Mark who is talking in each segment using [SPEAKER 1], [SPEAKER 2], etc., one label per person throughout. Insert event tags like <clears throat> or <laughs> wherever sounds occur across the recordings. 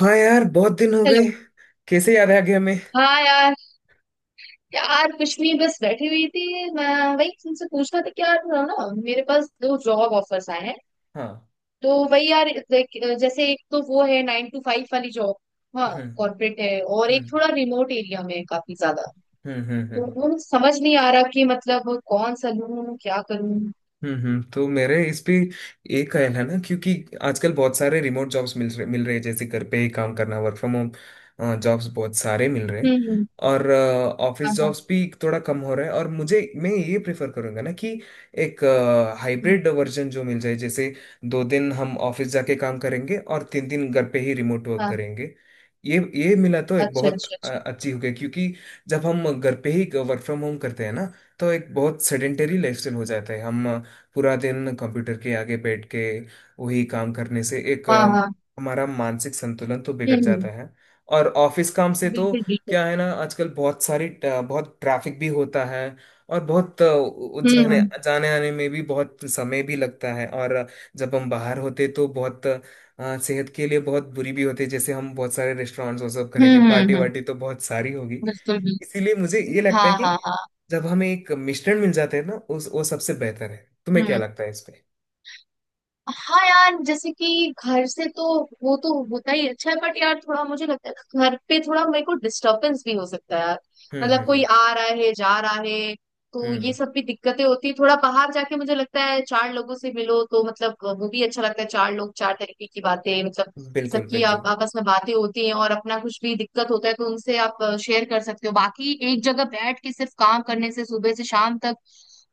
[SPEAKER 1] हाँ यार, बहुत दिन हो गए।
[SPEAKER 2] हेलो।
[SPEAKER 1] कैसे याद आ गया हमें?
[SPEAKER 2] हाँ यार। यार कुछ नहीं, बस बैठी हुई थी मैं। वही तुमसे पूछना था कि यार ना, मेरे पास दो जॉब ऑफर्स आए हैं।
[SPEAKER 1] हाँ।
[SPEAKER 2] तो वही यार जैसे एक तो वो है 9 to 5 वाली जॉब। हाँ।
[SPEAKER 1] हम्म।
[SPEAKER 2] कॉर्पोरेट है, और एक
[SPEAKER 1] हम्म।
[SPEAKER 2] थोड़ा रिमोट एरिया में है काफी ज्यादा।
[SPEAKER 1] हम्म। हम्म।
[SPEAKER 2] तो
[SPEAKER 1] हम्म।
[SPEAKER 2] वो मुझे समझ नहीं आ रहा कि मतलब कौन सा लूँ, क्या करूँ।
[SPEAKER 1] हम्म। तो मेरे इस पे एक ख्याल है ना, क्योंकि आजकल बहुत सारे रिमोट जॉब्स मिल रहे हैं, जैसे घर पे ही काम करना, वर्क फ्रॉम होम जॉब्स बहुत सारे मिल रहे हैं।
[SPEAKER 2] हम्म।
[SPEAKER 1] और ऑफिस
[SPEAKER 2] हाँ हाँ।
[SPEAKER 1] जॉब्स भी थोड़ा कम हो रहा है, और मुझे मैं ये प्रेफर करूंगा ना कि एक
[SPEAKER 2] हम्म,
[SPEAKER 1] हाइब्रिड वर्जन जो मिल जाए, जैसे 2 दिन हम ऑफिस जाके काम करेंगे और 3 दिन घर पे ही रिमोट वर्क
[SPEAKER 2] हाँ।
[SPEAKER 1] करेंगे। ये मिला तो एक
[SPEAKER 2] अच्छा
[SPEAKER 1] बहुत
[SPEAKER 2] अच्छा अच्छा।
[SPEAKER 1] अच्छी हो गई, क्योंकि जब हम घर पे ही वर्क फ्रॉम होम करते हैं ना, तो एक बहुत सेडेंटरी लाइफस्टाइल हो जाता है। हम पूरा दिन कंप्यूटर के आगे बैठ के वही काम करने से एक
[SPEAKER 2] हाँ हाँ।
[SPEAKER 1] हमारा मानसिक संतुलन तो बिगड़ जाता
[SPEAKER 2] हम्म।
[SPEAKER 1] है। और ऑफिस काम से तो
[SPEAKER 2] बिल्कुल बिल्कुल।
[SPEAKER 1] क्या है ना, आजकल बहुत ट्रैफिक भी होता है, और बहुत
[SPEAKER 2] हम्म
[SPEAKER 1] जाने
[SPEAKER 2] हम्म
[SPEAKER 1] जाने आने में भी बहुत समय भी लगता है। और जब हम बाहर होते तो बहुत सेहत के लिए बहुत बुरी भी होती है, जैसे हम बहुत सारे रेस्टोरेंट्स वो सब करेंगे,
[SPEAKER 2] हम्म
[SPEAKER 1] पार्टी
[SPEAKER 2] हम्म हम्म,
[SPEAKER 1] वार्टी तो बहुत सारी होगी।
[SPEAKER 2] बिल्कुल बिल्कुल।
[SPEAKER 1] इसीलिए मुझे ये लगता
[SPEAKER 2] हाँ
[SPEAKER 1] है
[SPEAKER 2] हाँ
[SPEAKER 1] कि
[SPEAKER 2] हाँ।
[SPEAKER 1] जब हमें एक मिश्रण मिल जाता है ना, उस वो सबसे बेहतर है। तुम्हें क्या
[SPEAKER 2] हम्म।
[SPEAKER 1] लगता है इस पे?
[SPEAKER 2] हाँ यार, जैसे कि घर से तो वो तो होता ही अच्छा है, बट यार थोड़ा मुझे लगता है घर पे थोड़ा मेरे को डिस्टरबेंस भी हो सकता है यार।
[SPEAKER 1] हम्म। हम्म।
[SPEAKER 2] मतलब कोई
[SPEAKER 1] हम्म।
[SPEAKER 2] आ रहा है जा रहा है, तो ये
[SPEAKER 1] हम्म।
[SPEAKER 2] सब भी दिक्कतें होती है। थोड़ा बाहर जाके मुझे लगता है चार लोगों से मिलो तो मतलब वो भी अच्छा लगता है। चार लोग चार तरीके की बातें, मतलब
[SPEAKER 1] बिल्कुल
[SPEAKER 2] सबकी आप
[SPEAKER 1] बिल्कुल।
[SPEAKER 2] आपस में बातें होती हैं, और अपना कुछ भी दिक्कत होता है तो उनसे आप शेयर कर सकते हो। बाकी एक जगह बैठ के सिर्फ काम करने से सुबह से शाम तक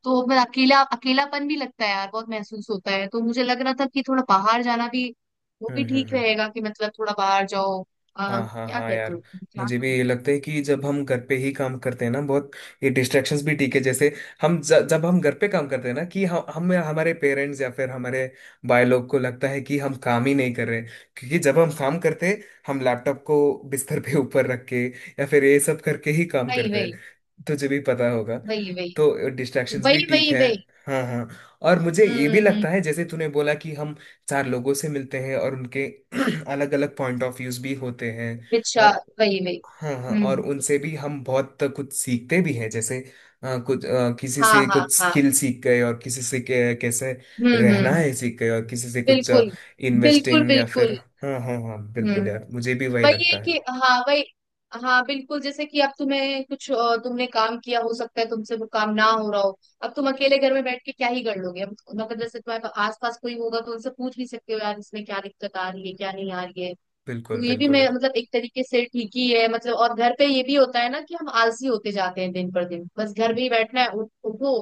[SPEAKER 2] तो फिर अकेलापन भी लगता है यार, बहुत महसूस होता है। तो मुझे लग रहा था कि थोड़ा बाहर जाना भी वो
[SPEAKER 1] हम्म।
[SPEAKER 2] भी
[SPEAKER 1] हम्म।
[SPEAKER 2] ठीक
[SPEAKER 1] हम्म।
[SPEAKER 2] रहेगा, कि मतलब थोड़ा बाहर जाओ।
[SPEAKER 1] हाँ हाँ
[SPEAKER 2] क्या
[SPEAKER 1] हाँ
[SPEAKER 2] कहते
[SPEAKER 1] यार,
[SPEAKER 2] हो? क्या
[SPEAKER 1] मुझे भी
[SPEAKER 2] कहूं?
[SPEAKER 1] ये लगता है कि जब हम घर पे ही काम करते हैं ना, बहुत ये डिस्ट्रैक्शंस भी ठीक है। जैसे जब हम घर पे काम करते हैं ना कि हम हमारे पेरेंट्स या फिर हमारे भाई लोग को लगता है कि हम काम ही नहीं कर रहे, क्योंकि जब हम काम करते हैं हम लैपटॉप को बिस्तर पे <laughs> ऊपर रख के या फिर ये सब करके ही काम
[SPEAKER 2] वही
[SPEAKER 1] करते
[SPEAKER 2] वही।
[SPEAKER 1] हैं। तुझे भी पता होगा।
[SPEAKER 2] वही वही।
[SPEAKER 1] तो डिस्ट्रैक्शंस भी
[SPEAKER 2] वही
[SPEAKER 1] ठीक
[SPEAKER 2] वही
[SPEAKER 1] है।
[SPEAKER 2] वही।
[SPEAKER 1] हाँ हाँ। और मुझे
[SPEAKER 2] हम्म
[SPEAKER 1] ये भी
[SPEAKER 2] हम्म हम्म,
[SPEAKER 1] लगता है, जैसे तूने बोला कि हम चार लोगों से मिलते हैं और उनके <clears throat> अलग अलग पॉइंट ऑफ व्यूज भी होते हैं।
[SPEAKER 2] अच्छा।
[SPEAKER 1] और
[SPEAKER 2] वही वही।
[SPEAKER 1] हाँ हाँ,
[SPEAKER 2] हम्म
[SPEAKER 1] और
[SPEAKER 2] हम्म,
[SPEAKER 1] उनसे भी हम बहुत कुछ सीखते भी हैं, जैसे किसी
[SPEAKER 2] हाँ
[SPEAKER 1] से
[SPEAKER 2] हाँ
[SPEAKER 1] कुछ
[SPEAKER 2] हाँ।
[SPEAKER 1] स्किल सीख गए, और किसी से कैसे रहना
[SPEAKER 2] हम्म।
[SPEAKER 1] है सीख गए, और किसी से कुछ
[SPEAKER 2] बिल्कुल। बिल्कुल
[SPEAKER 1] इन्वेस्टिंग या फिर।
[SPEAKER 2] बिल्कुल।
[SPEAKER 1] हाँ हाँ हाँ बिल्कुल
[SPEAKER 2] हम्म।
[SPEAKER 1] यार, मुझे भी वही
[SPEAKER 2] वही है
[SPEAKER 1] लगता है।
[SPEAKER 2] कि हाँ, वही। हाँ बिल्कुल, जैसे कि अब तुम्हें कुछ तुमने काम किया, हो सकता है तुमसे वो काम ना हो रहा हो। अब तुम अकेले घर में बैठ के क्या ही कर लोगे? अब मतलब जैसे तुम्हारे आस पास कोई होगा तो उनसे पूछ भी सकते हो यार, इसमें क्या दिक्कत आ रही है क्या नहीं आ रही है।
[SPEAKER 1] बिल्कुल
[SPEAKER 2] तो ये भी
[SPEAKER 1] बिल्कुल
[SPEAKER 2] मैं
[SPEAKER 1] यार।
[SPEAKER 2] मतलब एक तरीके से ठीक ही है मतलब। और घर पे ये भी होता है ना, कि हम आलसी होते जाते हैं दिन पर दिन, बस घर में ही बैठना है। उठो।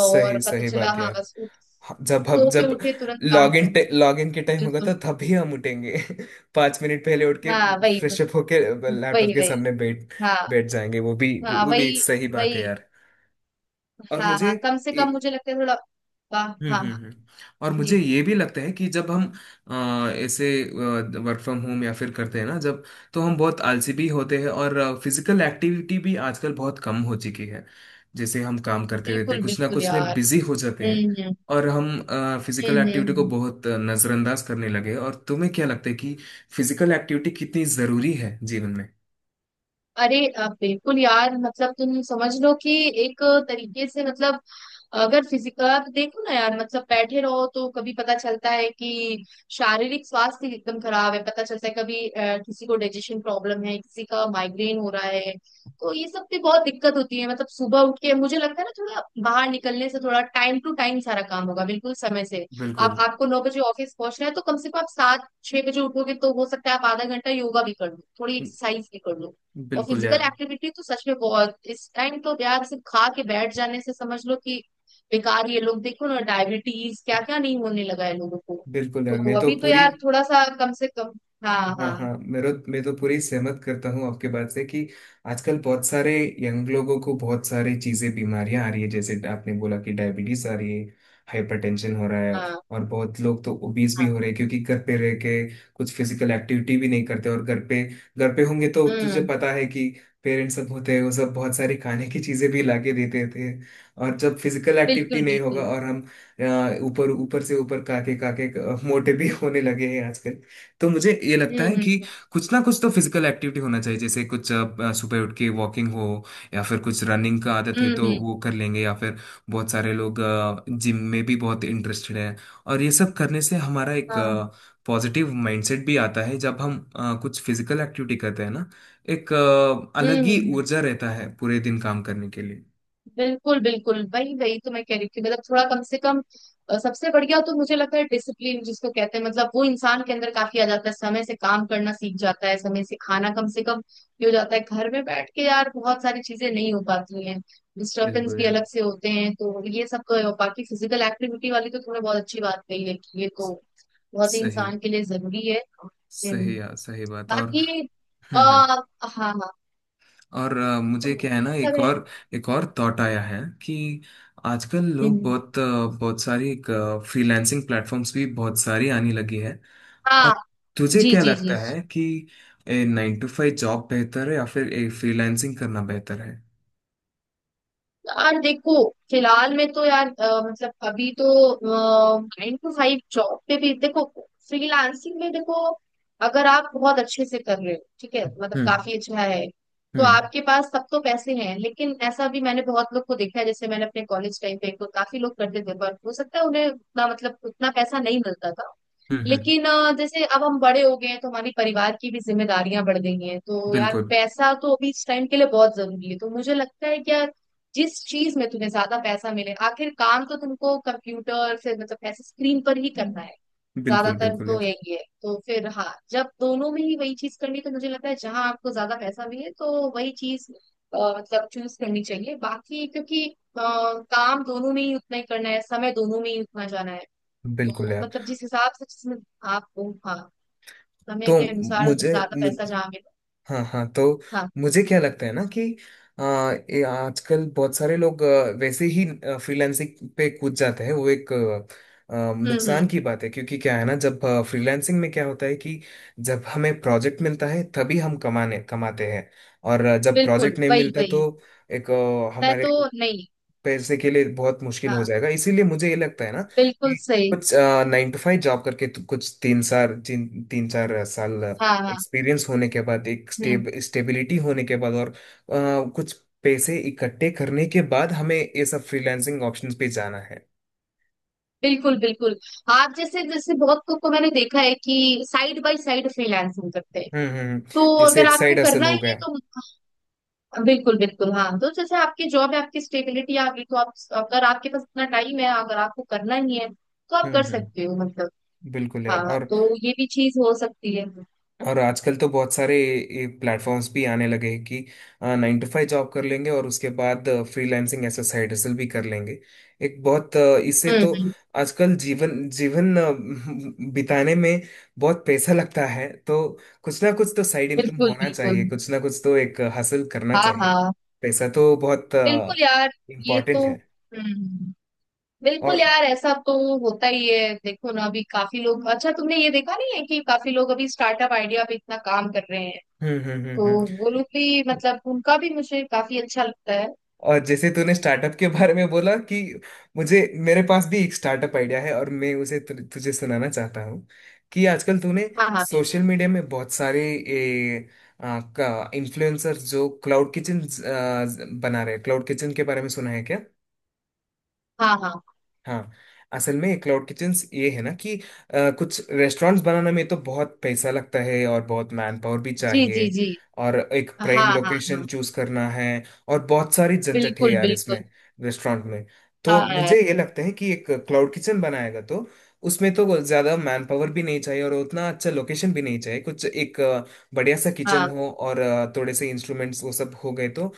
[SPEAKER 2] और पता
[SPEAKER 1] सही
[SPEAKER 2] चला
[SPEAKER 1] बात
[SPEAKER 2] हाँ
[SPEAKER 1] यार।
[SPEAKER 2] बस उठ,
[SPEAKER 1] हाँ, जब हम
[SPEAKER 2] सो के
[SPEAKER 1] जब
[SPEAKER 2] उठे तुरंत काम
[SPEAKER 1] लॉगिन
[SPEAKER 2] करना।
[SPEAKER 1] लॉगिन के टाइम होगा
[SPEAKER 2] बिल्कुल।
[SPEAKER 1] तो तभी हम उठेंगे। <laughs> 5 मिनट पहले उठ के,
[SPEAKER 2] हाँ, वही वही।
[SPEAKER 1] फ्रेश अप होके, लैपटॉप
[SPEAKER 2] वही
[SPEAKER 1] के
[SPEAKER 2] वही।
[SPEAKER 1] सामने बैठ
[SPEAKER 2] हाँ
[SPEAKER 1] बैठ जाएंगे। वो भी
[SPEAKER 2] हाँ।
[SPEAKER 1] वो भी
[SPEAKER 2] वही
[SPEAKER 1] एक सही बात है
[SPEAKER 2] वही।
[SPEAKER 1] यार। और
[SPEAKER 2] हाँ
[SPEAKER 1] मुझे
[SPEAKER 2] हाँ, कम से कम मुझे लगता है थोड़ा, वाह।
[SPEAKER 1] हम्म।
[SPEAKER 2] हाँ हाँ।
[SPEAKER 1] हम्म। हम्म। और मुझे
[SPEAKER 2] जी।
[SPEAKER 1] ये भी लगता है कि जब हम ऐसे वर्क फ्रॉम होम या फिर करते हैं ना जब, तो हम बहुत आलसी भी होते हैं और फिजिकल एक्टिविटी भी आजकल बहुत कम हो चुकी है, जैसे हम काम करते रहते
[SPEAKER 2] बिल्कुल
[SPEAKER 1] हैं, कुछ ना
[SPEAKER 2] बिल्कुल
[SPEAKER 1] कुछ में
[SPEAKER 2] यार।
[SPEAKER 1] बिजी हो जाते हैं।
[SPEAKER 2] हम्म हम्म
[SPEAKER 1] और हम फिजिकल
[SPEAKER 2] हम्म हम्म,
[SPEAKER 1] एक्टिविटी को
[SPEAKER 2] हम्म।
[SPEAKER 1] बहुत नजरअंदाज करने लगे। और तुम्हें क्या लगता है कि फिजिकल एक्टिविटी कितनी जरूरी है जीवन में?
[SPEAKER 2] अरे बिल्कुल यार, मतलब तुम समझ लो कि एक तरीके से मतलब अगर फिजिकल देखो ना यार, मतलब बैठे रहो तो कभी पता चलता है कि शारीरिक स्वास्थ्य एकदम खराब है। पता चलता है कभी किसी को डाइजेशन प्रॉब्लम है, किसी का माइग्रेन हो रहा है। तो ये सब पे बहुत दिक्कत होती है। मतलब सुबह उठ के मुझे लगता है ना थोड़ा बाहर निकलने से, थोड़ा टाइम टू टाइम सारा काम होगा बिल्कुल समय से। आप
[SPEAKER 1] बिल्कुल
[SPEAKER 2] आपको 9 बजे ऑफिस पहुंचना है तो कम से कम आप सात छह बजे उठोगे, तो हो सकता है आप आधा घंटा योगा भी कर लो, थोड़ी एक्सरसाइज भी कर लो। और
[SPEAKER 1] बिल्कुल
[SPEAKER 2] फिजिकल
[SPEAKER 1] यार।
[SPEAKER 2] एक्टिविटी तो सच में बहुत, इस टाइम तो यार सिर्फ खा के बैठ जाने से समझ लो कि बेकार। ये लोग देखो ना, डायबिटीज क्या क्या नहीं होने लगा है लोगों को।
[SPEAKER 1] बिल्कुल यार,
[SPEAKER 2] तो
[SPEAKER 1] मैं तो
[SPEAKER 2] अभी तो
[SPEAKER 1] पूरी।
[SPEAKER 2] यार थोड़ा सा कम से कम। हाँ
[SPEAKER 1] हाँ
[SPEAKER 2] हाँ।
[SPEAKER 1] हाँ, मेरा मैं तो पूरी सहमत करता हूँ आपके बात से, कि आजकल बहुत सारे यंग लोगों को बहुत सारी चीजें बीमारियां आ रही है, जैसे आपने बोला कि डायबिटीज आ रही है, हाइपरटेंशन हो रहा है,
[SPEAKER 2] हाँ
[SPEAKER 1] और बहुत लोग तो ओबीज भी
[SPEAKER 2] हाँ।
[SPEAKER 1] हो रहे हैं, क्योंकि घर पे रह के कुछ फिजिकल एक्टिविटी भी नहीं करते, और घर पे होंगे तो तुझे
[SPEAKER 2] हम्म।
[SPEAKER 1] पता है कि पेरेंट्स सब होते हैं, वो सब बहुत सारी खाने की चीजें भी लाके देते थे। और जब फिजिकल एक्टिविटी
[SPEAKER 2] बिल्कुल
[SPEAKER 1] नहीं होगा
[SPEAKER 2] बिल्कुल।
[SPEAKER 1] और हम ऊपर ऊपर से ऊपर काके काके मोटे भी होने लगे हैं आजकल। तो मुझे ये लगता
[SPEAKER 2] हम्म
[SPEAKER 1] है कि
[SPEAKER 2] हम्म
[SPEAKER 1] कुछ ना कुछ तो फिजिकल एक्टिविटी होना चाहिए, जैसे सुबह उठ के वॉकिंग हो, या फिर कुछ रनिंग का आदत है
[SPEAKER 2] हम्म
[SPEAKER 1] तो
[SPEAKER 2] हम्म,
[SPEAKER 1] वो कर लेंगे, या फिर बहुत सारे लोग जिम में भी बहुत इंटरेस्टेड हैं। और ये सब करने से हमारा एक
[SPEAKER 2] हाँ।
[SPEAKER 1] पॉजिटिव माइंडसेट भी आता है। जब हम कुछ फिजिकल एक्टिविटी करते हैं ना, एक अलग ही
[SPEAKER 2] हम्म।
[SPEAKER 1] ऊर्जा रहता है पूरे दिन काम करने के लिए।
[SPEAKER 2] बिल्कुल बिल्कुल, वही वही तो मैं कह रही थी मतलब थोड़ा कम से कम। सबसे बढ़िया तो मुझे लगता है डिसिप्लिन जिसको कहते हैं, मतलब वो इंसान के अंदर काफी आ जाता है। समय से काम करना सीख जाता है, समय से खाना कम से कम ये हो जाता है। घर में बैठ के यार बहुत सारी चीजें नहीं हो पाती हैं, डिस्टर्बेंस
[SPEAKER 1] बिल्कुल
[SPEAKER 2] भी
[SPEAKER 1] यार।
[SPEAKER 2] अलग से होते हैं, तो ये सब तो है। और बाकी फिजिकल एक्टिविटी वाली तो तुमने बहुत अच्छी बात कही है कि ये तो बहुत ही
[SPEAKER 1] सही
[SPEAKER 2] इंसान के लिए जरूरी है। हम्म,
[SPEAKER 1] सही यार, सही बात। और
[SPEAKER 2] बाकी आ,
[SPEAKER 1] हम्म। हम्म।
[SPEAKER 2] हाँ हाँ
[SPEAKER 1] और
[SPEAKER 2] तो
[SPEAKER 1] मुझे क्या है ना,
[SPEAKER 2] यही सब
[SPEAKER 1] एक
[SPEAKER 2] है।
[SPEAKER 1] और एक और थॉट आया है कि आजकल लोग
[SPEAKER 2] हम्म,
[SPEAKER 1] बहुत बहुत सारी फ्रीलांसिंग प्लेटफॉर्म्स भी बहुत सारी आने लगी है।
[SPEAKER 2] हाँ।
[SPEAKER 1] और तुझे
[SPEAKER 2] जी
[SPEAKER 1] क्या
[SPEAKER 2] जी जी।
[SPEAKER 1] लगता है कि 9 to 5 जॉब बेहतर है या फिर ए फ्रीलांसिंग करना बेहतर है?
[SPEAKER 2] यार देखो, फिलहाल में तो यार मतलब अभी तो 9 to 5 जॉब पे भी देखो, फ्रीलांसिंग में देखो। अगर आप बहुत अच्छे से कर रहे हो ठीक है, मतलब
[SPEAKER 1] हम्म।
[SPEAKER 2] काफी अच्छा है। तो
[SPEAKER 1] हम्म।
[SPEAKER 2] आपके पास सब तो पैसे हैं। लेकिन ऐसा भी मैंने बहुत लोग को देखा है, जैसे मैंने अपने कॉलेज टाइम पे तो काफी लोग करते थे, पर हो सकता है उन्हें उतना मतलब उतना पैसा नहीं मिलता था।
[SPEAKER 1] हम्म। हम्म।
[SPEAKER 2] लेकिन जैसे अब हम बड़े हो गए हैं तो हमारी परिवार की भी जिम्मेदारियां बढ़ गई हैं, तो यार
[SPEAKER 1] बिल्कुल
[SPEAKER 2] पैसा तो अभी इस टाइम के लिए बहुत जरूरी है। तो मुझे लगता है कि यार जिस चीज में तुम्हें ज्यादा पैसा मिले, आखिर काम तो तुमको कंप्यूटर से मतलब ऐसे स्क्रीन पर ही करना है
[SPEAKER 1] बिल्कुल।
[SPEAKER 2] ज्यादातर
[SPEAKER 1] बिल्कुल
[SPEAKER 2] तो
[SPEAKER 1] यार।
[SPEAKER 2] यही है, तो फिर हाँ। जब दोनों में ही वही चीज करनी है, तो मुझे लगता है जहां आपको ज्यादा पैसा मिले, तो वही चीज मतलब चूज करनी चाहिए, बाकी क्योंकि अ, काम दोनों में ही उतना ही करना है, समय दोनों में ही उतना जाना है।
[SPEAKER 1] बिल्कुल
[SPEAKER 2] तो
[SPEAKER 1] यार।
[SPEAKER 2] मतलब जिस हिसाब से, जिसमें आपको, हाँ, समय
[SPEAKER 1] तो
[SPEAKER 2] के अनुसार मतलब
[SPEAKER 1] मुझे
[SPEAKER 2] ज्यादा
[SPEAKER 1] मु-
[SPEAKER 2] पैसा जहाँ मिले।
[SPEAKER 1] हाँ हाँ, तो
[SPEAKER 2] हाँ।
[SPEAKER 1] मुझे क्या लगता है ना कि ये आजकल बहुत सारे लोग वैसे ही फ्रीलांसिंग पे कूद जाते हैं, वो एक आ, आ, नुकसान
[SPEAKER 2] हम्म।
[SPEAKER 1] की बात है, क्योंकि क्या है ना, जब फ्रीलांसिंग में क्या होता है कि जब हमें प्रोजेक्ट मिलता है तभी हम कमाने कमाते हैं, और जब
[SPEAKER 2] बिल्कुल
[SPEAKER 1] प्रोजेक्ट नहीं
[SPEAKER 2] वही
[SPEAKER 1] मिलता तो
[SPEAKER 2] वही।
[SPEAKER 1] एक
[SPEAKER 2] मैं
[SPEAKER 1] हमारे
[SPEAKER 2] तो, नहीं।
[SPEAKER 1] पैसे के लिए बहुत मुश्किल हो
[SPEAKER 2] हाँ
[SPEAKER 1] जाएगा, इसीलिए मुझे ये लगता है ना
[SPEAKER 2] बिल्कुल
[SPEAKER 1] कि
[SPEAKER 2] सही।
[SPEAKER 1] कुछ 9 to 5 जॉब करके तो कुछ तीन चार साल
[SPEAKER 2] हाँ हाँ।
[SPEAKER 1] एक्सपीरियंस होने के बाद, एक
[SPEAKER 2] हम्म।
[SPEAKER 1] स्टेबिलिटी होने के बाद, और कुछ पैसे इकट्ठे करने के बाद हमें ये सब फ्रीलांसिंग ऑप्शंस पे जाना है।
[SPEAKER 2] बिल्कुल बिल्कुल। आप, जैसे जैसे बहुत लोग को मैंने देखा है कि साइड बाय साइड फ्रीलांसिंग करते हैं,
[SPEAKER 1] हम्म। हम्म। हम्म।
[SPEAKER 2] तो
[SPEAKER 1] जैसे
[SPEAKER 2] अगर
[SPEAKER 1] एक
[SPEAKER 2] आपको
[SPEAKER 1] साइड असल
[SPEAKER 2] करना
[SPEAKER 1] हो
[SPEAKER 2] ही है
[SPEAKER 1] गया।
[SPEAKER 2] तो, हाँ, बिल्कुल बिल्कुल। हाँ, तो जैसे आपकी जॉब है, आपकी स्टेबिलिटी आ गई तो आप, अगर आपके पास इतना टाइम है, अगर आपको करना ही है तो आप
[SPEAKER 1] हम्म।
[SPEAKER 2] कर
[SPEAKER 1] हम्म।
[SPEAKER 2] सकते हो मतलब।
[SPEAKER 1] बिल्कुल यार।
[SPEAKER 2] हाँ,
[SPEAKER 1] और
[SPEAKER 2] तो ये भी चीज हो सकती है।
[SPEAKER 1] और आजकल तो बहुत सारे प्लेटफॉर्म्स भी आने लगे हैं कि 9 to 5 जॉब कर लेंगे और उसके बाद फ्रीलांसिंग ऐसा साइड हसल भी कर लेंगे। एक बहुत इससे तो
[SPEAKER 2] हम्म,
[SPEAKER 1] आजकल जीवन जीवन अ, <laughs> बिताने में बहुत पैसा लगता है, तो कुछ ना कुछ तो साइड इनकम
[SPEAKER 2] बिल्कुल
[SPEAKER 1] होना
[SPEAKER 2] बिल्कुल।
[SPEAKER 1] चाहिए, कुछ ना कुछ तो एक हासिल करना
[SPEAKER 2] हाँ
[SPEAKER 1] चाहिए।
[SPEAKER 2] हाँ।
[SPEAKER 1] पैसा तो बहुत
[SPEAKER 2] बिल्कुल यार। ये तो,
[SPEAKER 1] इम्पोर्टेंट है।
[SPEAKER 2] बिल्कुल
[SPEAKER 1] और
[SPEAKER 2] यार, ऐसा तो होता ही है। देखो ना अभी काफी लोग, अच्छा तुमने ये देखा नहीं है कि काफी लोग अभी स्टार्टअप आइडिया पे इतना काम कर रहे हैं,
[SPEAKER 1] हम्म। हम्म। हम्म।
[SPEAKER 2] तो
[SPEAKER 1] हम्म।
[SPEAKER 2] वो लोग भी मतलब उनका भी मुझे काफी अच्छा लगता है।
[SPEAKER 1] और जैसे तूने स्टार्टअप के बारे में बोला कि मुझे मेरे पास भी एक स्टार्टअप आइडिया है, और मैं उसे तुझे सुनाना चाहता हूँ कि आजकल तूने
[SPEAKER 2] हाँ हाँ बिल्कुल।
[SPEAKER 1] सोशल मीडिया में बहुत सारे का इन्फ्लुएंसर जो क्लाउड किचन बना रहे हैं, क्लाउड किचन के बारे में सुना है क्या?
[SPEAKER 2] हाँ हाँ।
[SPEAKER 1] हाँ। असल में क्लाउड किचन्स ये है ना कि कुछ रेस्टोरेंट्स बनाने में तो बहुत पैसा लगता है, और बहुत मैन पावर भी
[SPEAKER 2] जी जी
[SPEAKER 1] चाहिए,
[SPEAKER 2] जी।
[SPEAKER 1] और एक
[SPEAKER 2] हाँ
[SPEAKER 1] प्राइम
[SPEAKER 2] हाँ
[SPEAKER 1] लोकेशन
[SPEAKER 2] हाँ।
[SPEAKER 1] चूज करना है, और बहुत सारी झंझट है
[SPEAKER 2] बिल्कुल
[SPEAKER 1] यार इसमें,
[SPEAKER 2] बिल्कुल।
[SPEAKER 1] रेस्टोरेंट में। तो
[SPEAKER 2] हाँ
[SPEAKER 1] मुझे
[SPEAKER 2] यार।
[SPEAKER 1] ये लगता है कि एक क्लाउड किचन बनाएगा तो उसमें तो ज्यादा मैन पावर भी नहीं चाहिए, और उतना अच्छा लोकेशन भी नहीं चाहिए, कुछ एक बढ़िया सा किचन
[SPEAKER 2] हाँ।
[SPEAKER 1] हो और थोड़े से इंस्ट्रूमेंट्स वो सब हो गए तो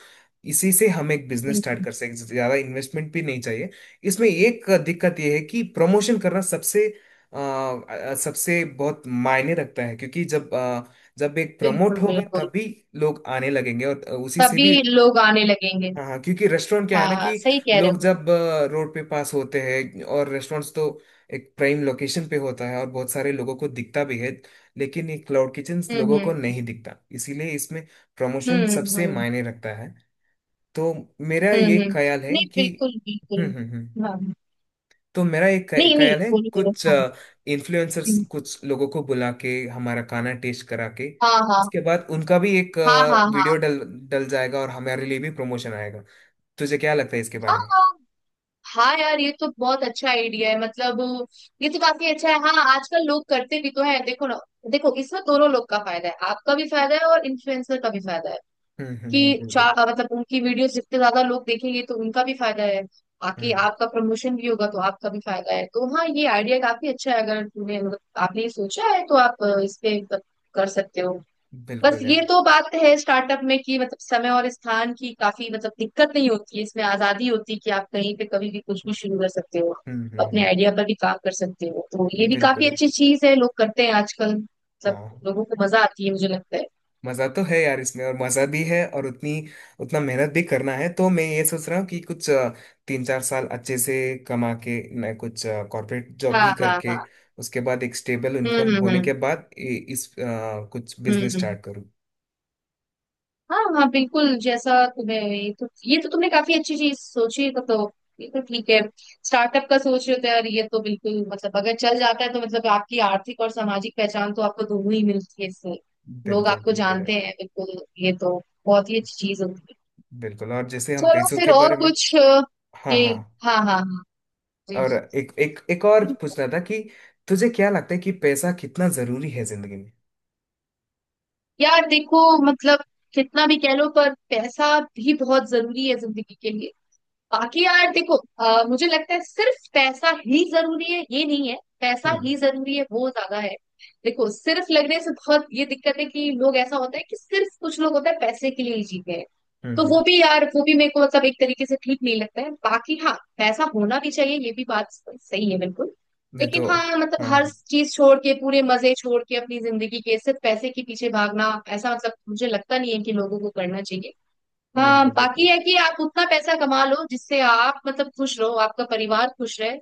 [SPEAKER 1] इसी से हम एक बिजनेस
[SPEAKER 2] हम्म,
[SPEAKER 1] स्टार्ट
[SPEAKER 2] हम्म,
[SPEAKER 1] कर सकते, ज्यादा इन्वेस्टमेंट भी नहीं चाहिए। इसमें एक दिक्कत यह है कि प्रमोशन करना सबसे बहुत मायने रखता है, क्योंकि जब एक प्रमोट
[SPEAKER 2] बिल्कुल
[SPEAKER 1] होगा
[SPEAKER 2] बिल्कुल।
[SPEAKER 1] तभी लोग आने लगेंगे और उसी से
[SPEAKER 2] तभी
[SPEAKER 1] भी।
[SPEAKER 2] लोग आने लगेंगे।
[SPEAKER 1] हाँ हाँ, क्योंकि रेस्टोरेंट क्या है
[SPEAKER 2] हाँ
[SPEAKER 1] ना
[SPEAKER 2] हाँ
[SPEAKER 1] कि
[SPEAKER 2] सही कह रहे
[SPEAKER 1] लोग
[SPEAKER 2] हो।
[SPEAKER 1] रोड पे पास होते हैं, और रेस्टोरेंट्स तो एक प्राइम लोकेशन पे होता है और बहुत सारे लोगों को दिखता भी है, लेकिन ये क्लाउड किचन लोगों
[SPEAKER 2] हम्म
[SPEAKER 1] को नहीं दिखता, इसीलिए इसमें प्रमोशन
[SPEAKER 2] हम्म।
[SPEAKER 1] सबसे मायने रखता है। तो मेरा
[SPEAKER 2] हम्म
[SPEAKER 1] ये
[SPEAKER 2] हम्म।
[SPEAKER 1] ख्याल है
[SPEAKER 2] नहीं
[SPEAKER 1] कि
[SPEAKER 2] बिल्कुल
[SPEAKER 1] हम्म।
[SPEAKER 2] बिल्कुल।
[SPEAKER 1] हम्म। हम्म।
[SPEAKER 2] हाँ हाँ।
[SPEAKER 1] तो मेरा एक
[SPEAKER 2] नहीं नहीं,
[SPEAKER 1] ख्याल है,
[SPEAKER 2] बोलो बोलो।
[SPEAKER 1] कुछ
[SPEAKER 2] हाँ।
[SPEAKER 1] इन्फ्लुएंसर्स,
[SPEAKER 2] हम्म।
[SPEAKER 1] कुछ लोगों को बुला के हमारा खाना टेस्ट करा के,
[SPEAKER 2] हाँ हाँ।
[SPEAKER 1] उसके बाद उनका भी एक
[SPEAKER 2] हाँ हाँ हाँ।
[SPEAKER 1] वीडियो डल डल जाएगा और हमारे लिए भी प्रमोशन आएगा। तुझे क्या लगता है इसके
[SPEAKER 2] हाँ
[SPEAKER 1] बारे में?
[SPEAKER 2] हाँ। हाँ यार, ये तो बहुत अच्छा आइडिया है मतलब। ये तो काफी अच्छा है, हाँ आजकल लोग करते भी तो है, देखो ना। देखो इसमें दोनों लोग का फायदा है, आपका भी फायदा है और इन्फ्लुएंसर का भी फायदा है,
[SPEAKER 1] हम्म। हम्म।
[SPEAKER 2] कि
[SPEAKER 1] बिल्कुल।
[SPEAKER 2] चार, मतलब उनकी वीडियोस जितने ज्यादा लोग देखेंगे तो उनका भी फायदा है। बाकी
[SPEAKER 1] हम्म।
[SPEAKER 2] आपका प्रमोशन भी होगा तो आपका भी फायदा है। तो हाँ, ये आइडिया काफी अच्छा है। अगर तुमने मतलब आपने ये सोचा है तो आप इस पे कर सकते हो। बस
[SPEAKER 1] बिल्कुल
[SPEAKER 2] ये
[SPEAKER 1] यार।
[SPEAKER 2] तो बात है स्टार्टअप में, कि मतलब समय और स्थान की काफी मतलब दिक्कत नहीं होती है, इसमें आजादी होती है कि आप कहीं पे कभी भी कुछ भी शुरू कर सकते हो,
[SPEAKER 1] हम्म। हम्म।
[SPEAKER 2] अपने आइडिया पर भी काम कर सकते हो। तो ये भी
[SPEAKER 1] बिल्कुल
[SPEAKER 2] काफी
[SPEAKER 1] यार।
[SPEAKER 2] अच्छी चीज है, लोग करते हैं आजकल मतलब,
[SPEAKER 1] हाँ।
[SPEAKER 2] लोगों को मजा आती है मुझे लगता है।
[SPEAKER 1] मजा तो है यार इसमें, और मजा भी है, और उतनी उतना मेहनत भी करना है, तो मैं ये सोच रहा हूँ कि 3-4 साल अच्छे से कमा के, मैं कुछ कॉर्पोरेट जॉब
[SPEAKER 2] हाँ
[SPEAKER 1] भी
[SPEAKER 2] हाँ
[SPEAKER 1] करके,
[SPEAKER 2] हाँ।
[SPEAKER 1] उसके बाद एक स्टेबल इनकम
[SPEAKER 2] हम्म हम्म
[SPEAKER 1] होने
[SPEAKER 2] हम्म
[SPEAKER 1] के बाद कुछ बिजनेस
[SPEAKER 2] हम्म।
[SPEAKER 1] स्टार्ट करूँ।
[SPEAKER 2] हाँ हाँ बिल्कुल, जैसा तुम्हें, ये तो तुमने काफी अच्छी चीज सोची है, तो ये तो ठीक है। स्टार्टअप का सोच रहे हो तो यार ये तो बिल्कुल, मतलब अगर चल जाता है तो मतलब आपकी आर्थिक और सामाजिक पहचान तो आपको दोनों ही मिलती है इससे। लोग
[SPEAKER 1] बिल्कुल
[SPEAKER 2] आपको
[SPEAKER 1] बिल्कुल
[SPEAKER 2] जानते
[SPEAKER 1] यार।
[SPEAKER 2] हैं, बिल्कुल। ये तो बहुत ही अच्छी चीज होती है।
[SPEAKER 1] बिल्कुल। और जैसे हम
[SPEAKER 2] चलो
[SPEAKER 1] पैसों
[SPEAKER 2] फिर
[SPEAKER 1] के
[SPEAKER 2] और
[SPEAKER 1] बारे में।
[SPEAKER 2] कुछ
[SPEAKER 1] हाँ
[SPEAKER 2] ये,
[SPEAKER 1] हाँ।
[SPEAKER 2] हाँ हाँ हाँ। जी
[SPEAKER 1] और
[SPEAKER 2] जी।
[SPEAKER 1] एक एक एक और
[SPEAKER 2] ठीक
[SPEAKER 1] पूछना था कि तुझे क्या लगता है कि पैसा कितना जरूरी है जिंदगी में?
[SPEAKER 2] है। यार देखो, मतलब कितना भी कह लो पर पैसा भी बहुत जरूरी है जिंदगी के लिए। बाकी यार देखो मुझे लगता है सिर्फ पैसा ही जरूरी है ये नहीं है, पैसा
[SPEAKER 1] हम्म।
[SPEAKER 2] ही जरूरी है वो ज्यादा है। देखो सिर्फ लगने से बहुत ये दिक्कत है कि लोग, ऐसा होता है कि सिर्फ कुछ लोग होता है पैसे के लिए ही जीते हैं।
[SPEAKER 1] हम्म।
[SPEAKER 2] तो वो
[SPEAKER 1] हम्म।
[SPEAKER 2] भी यार, वो भी मेरे को मतलब एक तरीके से ठीक नहीं लगता है। बाकी हाँ, पैसा होना भी चाहिए ये भी बात सही है बिल्कुल।
[SPEAKER 1] मैं
[SPEAKER 2] लेकिन
[SPEAKER 1] तो।
[SPEAKER 2] हाँ, मतलब
[SPEAKER 1] हाँ
[SPEAKER 2] हर
[SPEAKER 1] हाँ,
[SPEAKER 2] चीज छोड़ के, पूरे मजे छोड़ के अपनी जिंदगी के सिर्फ पैसे के पीछे भागना, ऐसा मतलब मुझे लगता नहीं है कि लोगों को करना चाहिए। हाँ
[SPEAKER 1] बिल्कुल
[SPEAKER 2] बाकी
[SPEAKER 1] बिल्कुल
[SPEAKER 2] है कि आप उतना पैसा कमा लो जिससे आप मतलब खुश रहो, आपका परिवार खुश रहे।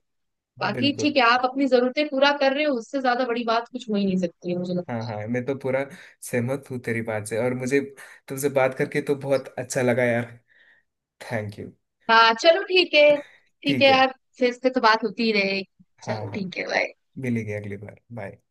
[SPEAKER 2] बाकी
[SPEAKER 1] बिल्कुल।
[SPEAKER 2] ठीक है, आप अपनी जरूरतें पूरा कर रहे हो, उससे ज्यादा बड़ी बात कुछ हो ही नहीं सकती है मुझे
[SPEAKER 1] हाँ
[SPEAKER 2] लगता
[SPEAKER 1] हाँ, मैं तो पूरा सहमत हूँ तेरी बात से, और मुझे तुमसे बात करके तो बहुत अच्छा लगा यार। Thank you.
[SPEAKER 2] है। हाँ चलो ठीक है। ठीक
[SPEAKER 1] ठीक
[SPEAKER 2] है
[SPEAKER 1] है।
[SPEAKER 2] यार। फिर इस पे तो बात होती ही रहेगी।
[SPEAKER 1] हाँ
[SPEAKER 2] चलो
[SPEAKER 1] हाँ,
[SPEAKER 2] ठीक है, बाय।
[SPEAKER 1] मिलेंगे अगली बार। बाय।